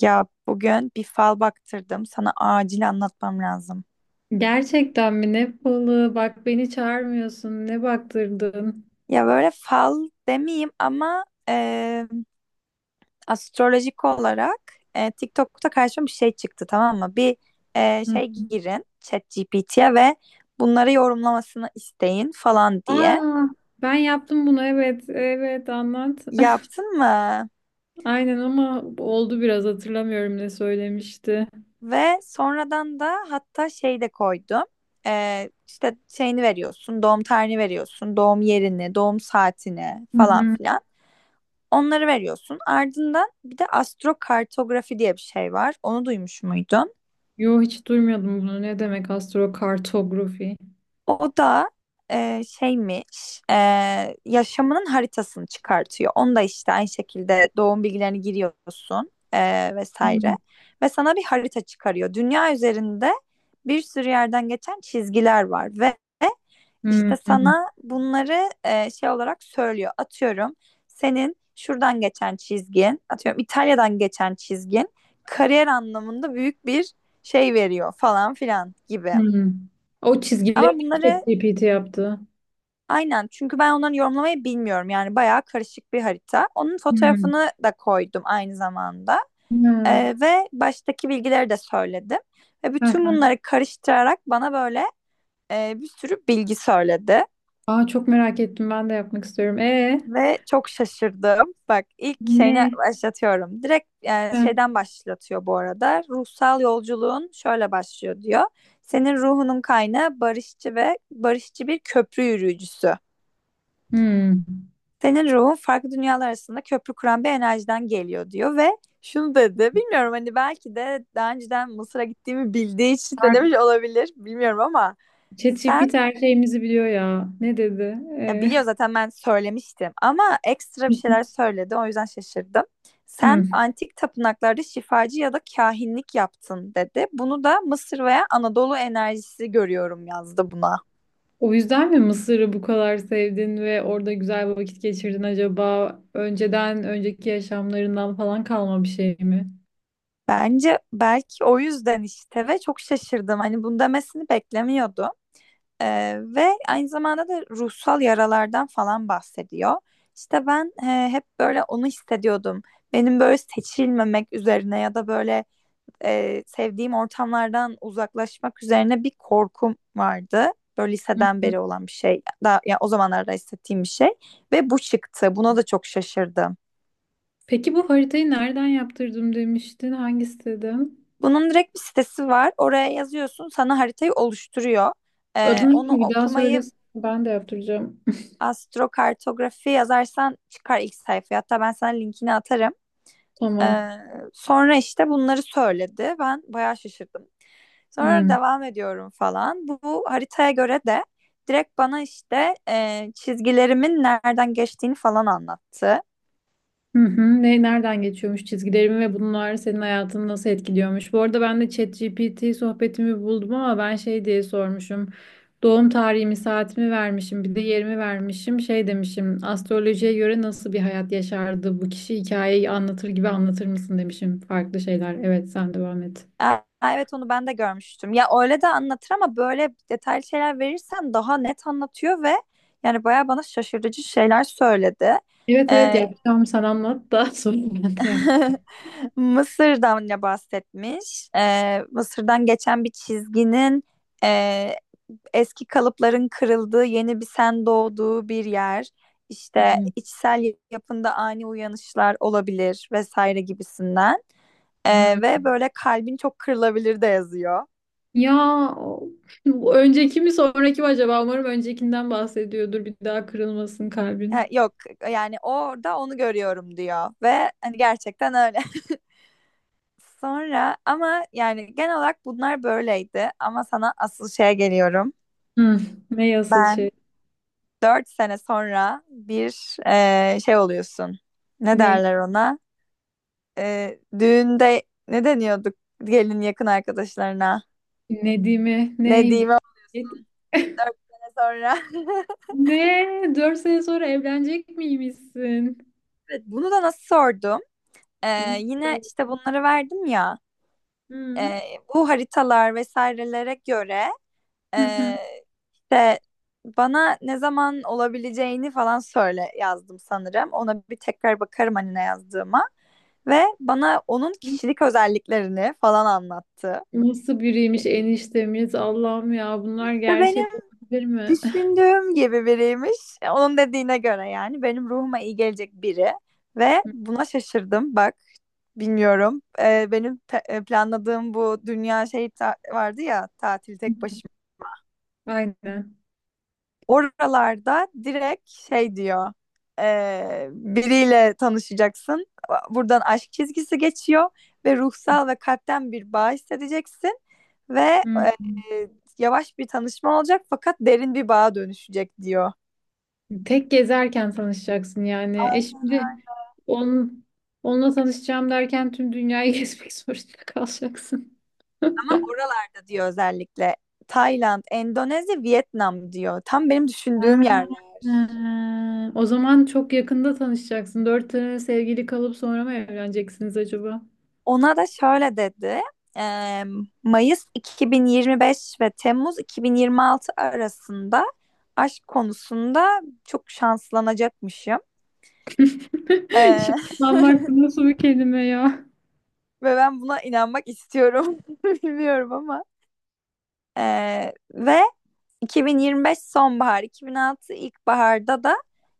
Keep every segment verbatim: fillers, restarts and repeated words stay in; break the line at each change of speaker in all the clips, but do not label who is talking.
Ya bugün bir fal baktırdım. Sana acil anlatmam lazım.
Gerçekten mi? Ne balığı? Bak beni çağırmıyorsun. Ne baktırdın?
Ya böyle fal demeyeyim ama e, astrolojik olarak e, TikTok'ta karşıma bir şey çıktı, tamam mı? Bir e,
Hı.
şey girin ChatGPT'ye ve bunları yorumlamasını isteyin falan diye.
Aa, ben yaptım bunu. Evet, evet anlat.
Yaptın mı?
Aynen ama oldu biraz hatırlamıyorum ne söylemişti.
Ve sonradan da hatta şey de koydum. E, işte şeyini veriyorsun, doğum tarihini veriyorsun, doğum yerini, doğum saatini
Hı
falan
hı.
filan. Onları veriyorsun. Ardından bir de astrokartografi diye bir şey var. Onu duymuş muydun?
Yo, hiç duymadım bunu. Ne demek astrokartografi?
O da e, şeymiş, e, yaşamının haritasını çıkartıyor. Onu da işte aynı şekilde doğum bilgilerini giriyorsun, e, vesaire.
Hı
Ve sana bir harita çıkarıyor. Dünya üzerinde bir sürü yerden geçen çizgiler var ve
hı
İşte sana bunları e, şey olarak söylüyor. Atıyorum senin şuradan geçen çizgin, atıyorum İtalya'dan geçen çizgin kariyer anlamında büyük bir şey veriyor falan filan gibi.
hı. O
Ama
çizgileri mi
bunları
ChatGPT yaptı?
aynen, çünkü ben onları yorumlamayı bilmiyorum. Yani bayağı karışık bir harita. Onun
Hı.
fotoğrafını da koydum aynı zamanda.
Ha.
E, ve baştaki bilgileri de söyledim. Ve bütün
Ha.
bunları karıştırarak bana böyle e, bir sürü bilgi söyledi.
Aa, çok merak ettim. Ben de yapmak istiyorum. E
Ve çok şaşırdım. Bak, ilk şeyine
ne?
başlatıyorum. Direkt yani
Hı.
şeyden başlatıyor bu arada. Ruhsal yolculuğun şöyle başlıyor diyor. Senin ruhunun kaynağı barışçı ve barışçı bir köprü yürüyücüsü.
Hmm.
Senin ruhun farklı dünyalar arasında köprü kuran bir enerjiden geliyor diyor ve şunu dedi. Bilmiyorum, hani belki de daha önceden Mısır'a gittiğimi bildiği için de demiş olabilir. Bilmiyorum ama
ChatGPT
sen...
her şeyimizi biliyor ya. Ne dedi?
Ya
Ee,
biliyor zaten, ben söylemiştim, ama ekstra bir şeyler söyledi, o yüzden şaşırdım. Sen
hmm.
antik tapınaklarda şifacı ya da kahinlik yaptın dedi. Bunu da Mısır veya Anadolu enerjisi görüyorum yazdı buna.
O yüzden mi Mısır'ı bu kadar sevdin ve orada güzel vakit geçirdin acaba? Önceden, önceki yaşamlarından falan kalma bir şey mi?
Bence belki o yüzden işte ve çok şaşırdım. Hani bunu demesini beklemiyordum. Ee, ve aynı zamanda da ruhsal yaralardan falan bahsediyor. İşte ben e, hep böyle onu hissediyordum. Benim böyle seçilmemek üzerine ya da böyle e, sevdiğim ortamlardan uzaklaşmak üzerine bir korkum vardı. Böyle
Hı
liseden
hı.
beri olan bir şey. Daha, yani o zamanlarda hissettiğim bir şey. Ve bu çıktı. Buna da çok şaşırdım.
Peki bu haritayı nereden yaptırdım demiştin? Hangi siteden?
Bunun direkt bir sitesi var. Oraya yazıyorsun. Sana haritayı oluşturuyor. E,
Adını
onu
bir daha
okumayı...
söylesene. Ben de yaptıracağım.
astrokartografi yazarsan çıkar ilk sayfaya. Hatta ben sana linkini atarım.
Tamam.
Ee, sonra işte bunları söyledi. Ben bayağı şaşırdım. Sonra
Hmm.
devam ediyorum falan. Bu, bu haritaya göre de direkt bana işte e, çizgilerimin nereden geçtiğini falan anlattı.
Hı hı. Ne, nereden geçiyormuş çizgilerimi ve bunlar senin hayatını nasıl etkiliyormuş? Bu arada ben de ChatGPT sohbetimi buldum ama ben şey diye sormuşum. Doğum tarihimi, saatimi vermişim, bir de yerimi vermişim. Şey demişim, astrolojiye göre nasıl bir hayat yaşardı bu kişi, hikayeyi anlatır gibi anlatır mısın demişim. Farklı şeyler. Evet, sen devam et.
Aa, evet onu ben de görmüştüm. Ya öyle de anlatır ama böyle detaylı şeyler verirsen daha net anlatıyor ve yani bayağı bana şaşırtıcı şeyler söyledi.
Evet, evet
Ee,
yapacağım. Sen anlat da sonra ben de
Mısır'dan ne bahsetmiş? Ee, Mısır'dan geçen bir çizginin e, eski kalıpların kırıldığı, yeni bir sen doğduğu bir yer. İşte
yapacağım.
içsel yapında ani uyanışlar olabilir vesaire gibisinden. Ee, ve böyle kalbin çok kırılabilir de yazıyor.
Ya o- önceki mi sonraki mi acaba? Umarım öncekinden bahsediyordur. Bir daha kırılmasın
Ha,
kalbin.
yok, yani orada onu görüyorum diyor ve hani gerçekten öyle. Sonra ama yani genel olarak bunlar böyleydi, ama sana asıl şeye geliyorum.
Hı. Ne asıl şey?
Ben... Dört sene sonra bir e, şey oluyorsun. Ne
Ne?
derler ona? E, düğünde ne deniyorduk gelin yakın arkadaşlarına?
Nedim'i?
Ne
Ne?
diyeyim ama, dört sene sonra.
Ne? Dört sene sonra evlenecek miymişsin?
Evet, bunu da nasıl sordum? E,
Nasıl?
yine işte bunları verdim ya.
Hı.
E, bu haritalar vesairelere göre
Hı hı.
e, işte bana ne zaman olabileceğini falan söyle yazdım sanırım. Ona bir tekrar bakarım hani ne yazdığıma. Ve bana onun kişilik özelliklerini falan anlattı.
Nasıl biriymiş eniştemiz? Allah'ım, ya bunlar
İşte benim
gerçek olabilir mi?
düşündüğüm gibi biriymiş. Onun dediğine göre yani benim ruhuma iyi gelecek biri. Ve buna şaşırdım. Bak, bilmiyorum. Ee, benim pe- planladığım bu dünya şey ta- vardı ya, tatil tek başıma.
Aynen.
Oralarda direkt şey diyor. eee, biriyle tanışacaksın. Buradan aşk çizgisi geçiyor ve ruhsal ve kalpten bir bağ hissedeceksin ve
Hı.
eee, yavaş bir tanışma olacak fakat derin bir bağa dönüşecek diyor.
Tek gezerken tanışacaksın yani. E şimdi onun, onunla tanışacağım derken tüm dünyayı gezmek zorunda kalacaksın. Ha.
Ama oralarda diyor özellikle Tayland, Endonezya, Vietnam diyor. Tam benim düşündüğüm yerler.
Ha. O zaman çok yakında tanışacaksın. Dört sene sevgili kalıp sonra mı evleneceksiniz acaba?
Ona da şöyle dedi. eee, Mayıs iki bin yirmi beş ve Temmuz iki bin yirmi altı arasında aşk konusunda çok şanslanacakmışım. Eee,
Şanslanmak nasıl bir kelime ya?
ve ben buna inanmak istiyorum. Bilmiyorum ama. Eee, ve iki bin yirmi beş sonbahar, iki bin altı ilkbaharda da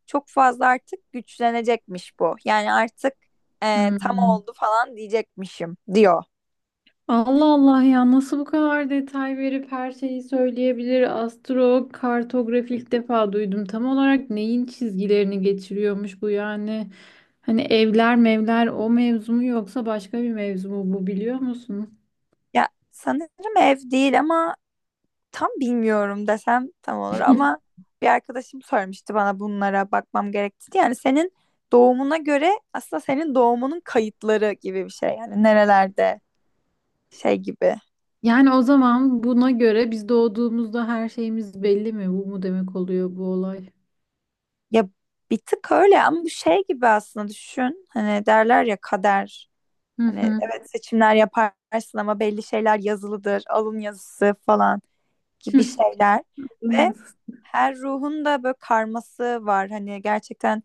çok fazla artık güçlenecekmiş bu. Yani artık e, tam
Hmm.
oldu falan diyecekmişim diyor.
Allah Allah, ya nasıl bu kadar detay verip her şeyi söyleyebilir? Astrokartografi ilk defa duydum. Tam olarak neyin çizgilerini geçiriyormuş bu yani? Hani evler mevler o mevzu mu, yoksa başka bir mevzu mu bu, biliyor musun?
Ya sanırım ev değil ama... Tam bilmiyorum desem tam olur ama bir arkadaşım sormuştu bana bunlara bakmam gerektiğini. Yani senin doğumuna göre aslında senin doğumunun kayıtları gibi bir şey. Yani nerelerde şey gibi.
Yani o zaman buna göre biz doğduğumuzda her şeyimiz belli mi? Bu mu demek oluyor bu olay?
Ya bir tık öyle ama bu şey gibi aslında düşün. Hani derler ya, kader.
Hı
Hani
hı.
evet, seçimler yaparsın ama belli şeyler yazılıdır. Alın yazısı falan gibi şeyler. Ve her ruhun da böyle karması var. Hani gerçekten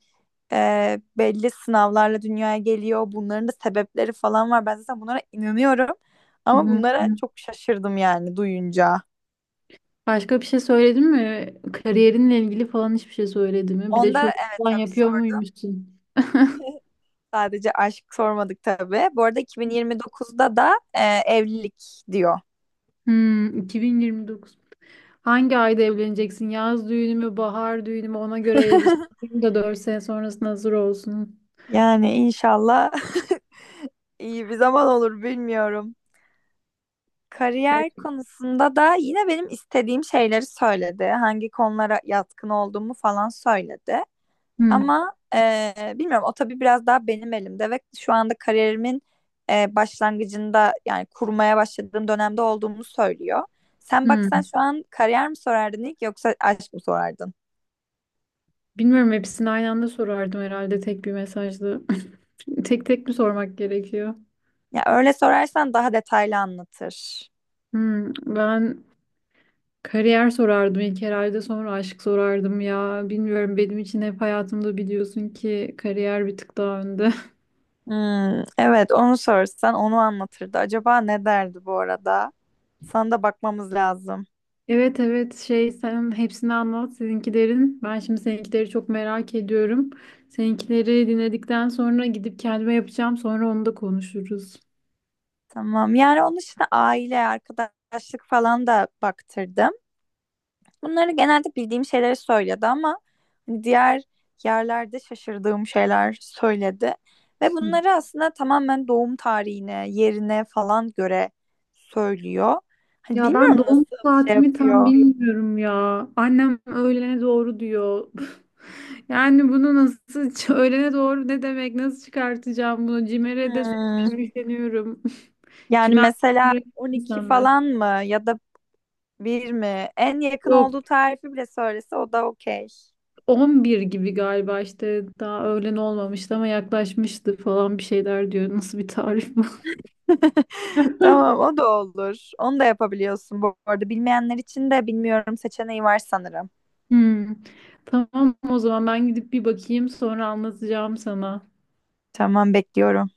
e, belli sınavlarla dünyaya geliyor. Bunların da sebepleri falan var. Ben zaten bunlara inanıyorum.
Hı
Ama bunlara
hı.
çok şaşırdım yani duyunca.
Başka bir şey söyledin mi? Kariyerinle ilgili falan hiçbir şey söyledi mi? Bir de
Onda
çocuk
evet,
falan
tabii
yapıyor
sordum.
muymuşsun?
Sadece aşk sormadık tabii. Bu arada iki bin yirmi dokuzda da e, evlilik diyor.
Hmm, iki bin yirmi dokuz. Hangi ayda evleneceksin? Yaz düğünü mü, bahar düğünü mü? Ona göre elbise alayım da dört sene sonrasında hazır olsun.
Yani inşallah iyi bir zaman olur, bilmiyorum. Kariyer
Evet.
konusunda da yine benim istediğim şeyleri söyledi. Hangi konulara yatkın olduğumu falan söyledi.
Hmm,
Ama eee, bilmiyorum, o tabii biraz daha benim elimde ve şu anda kariyerimin eee, başlangıcında yani kurmaya başladığım dönemde olduğumu söylüyor. Sen baksan
hmm.
şu an kariyer mi sorardın ilk, yoksa aşk mı sorardın?
Bilmiyorum, hepsini aynı anda sorardım herhalde tek bir mesajda. Tek tek mi sormak gerekiyor?
Ya öyle sorarsan daha detaylı anlatır.
Hmm, ben kariyer sorardım ilk herhalde, sonra aşk sorardım ya. Bilmiyorum, benim için hep hayatımda biliyorsun ki kariyer bir tık daha önde.
Hmm, evet onu sorsan onu anlatırdı. Acaba ne derdi bu arada? Sana da bakmamız lazım.
Evet, evet şey, sen hepsini anlat seninkilerin. Ben şimdi seninkileri çok merak ediyorum. Seninkileri dinledikten sonra gidip kendime yapacağım. Sonra onu da konuşuruz.
Tamam, yani onun için aile, arkadaşlık falan da baktırdım. Bunları genelde bildiğim şeyleri söyledi ama hani, diğer yerlerde şaşırdığım şeyler söyledi. Ve
Hı.
bunları aslında tamamen doğum tarihine, yerine falan göre söylüyor. Hani
Ya ben
bilmiyorum
doğum
nasıl şey
saatimi tam
yapıyor.
bilmiyorum ya. Annem öğlene doğru diyor. Yani bunu nasıl ç- öğlene doğru ne demek? Nasıl çıkartacağım bunu? Cimer'e de
Hmm,
sonra üfleniyorum.
yani
Cimer
mesela
öğretmen
on iki
insanlar.
falan mı ya da bir mi? En yakın
Yok,
olduğu tarifi bile söylese o da okey.
on bir gibi galiba işte, daha öğlen olmamıştı ama yaklaşmıştı falan bir şeyler diyor. Nasıl bir tarif bu?
Tamam, o da olur. Onu da yapabiliyorsun bu arada. Bilmeyenler için de bilmiyorum seçeneği var sanırım.
Hmm. Tamam, o zaman ben gidip bir bakayım, sonra anlatacağım sana.
Tamam, bekliyorum.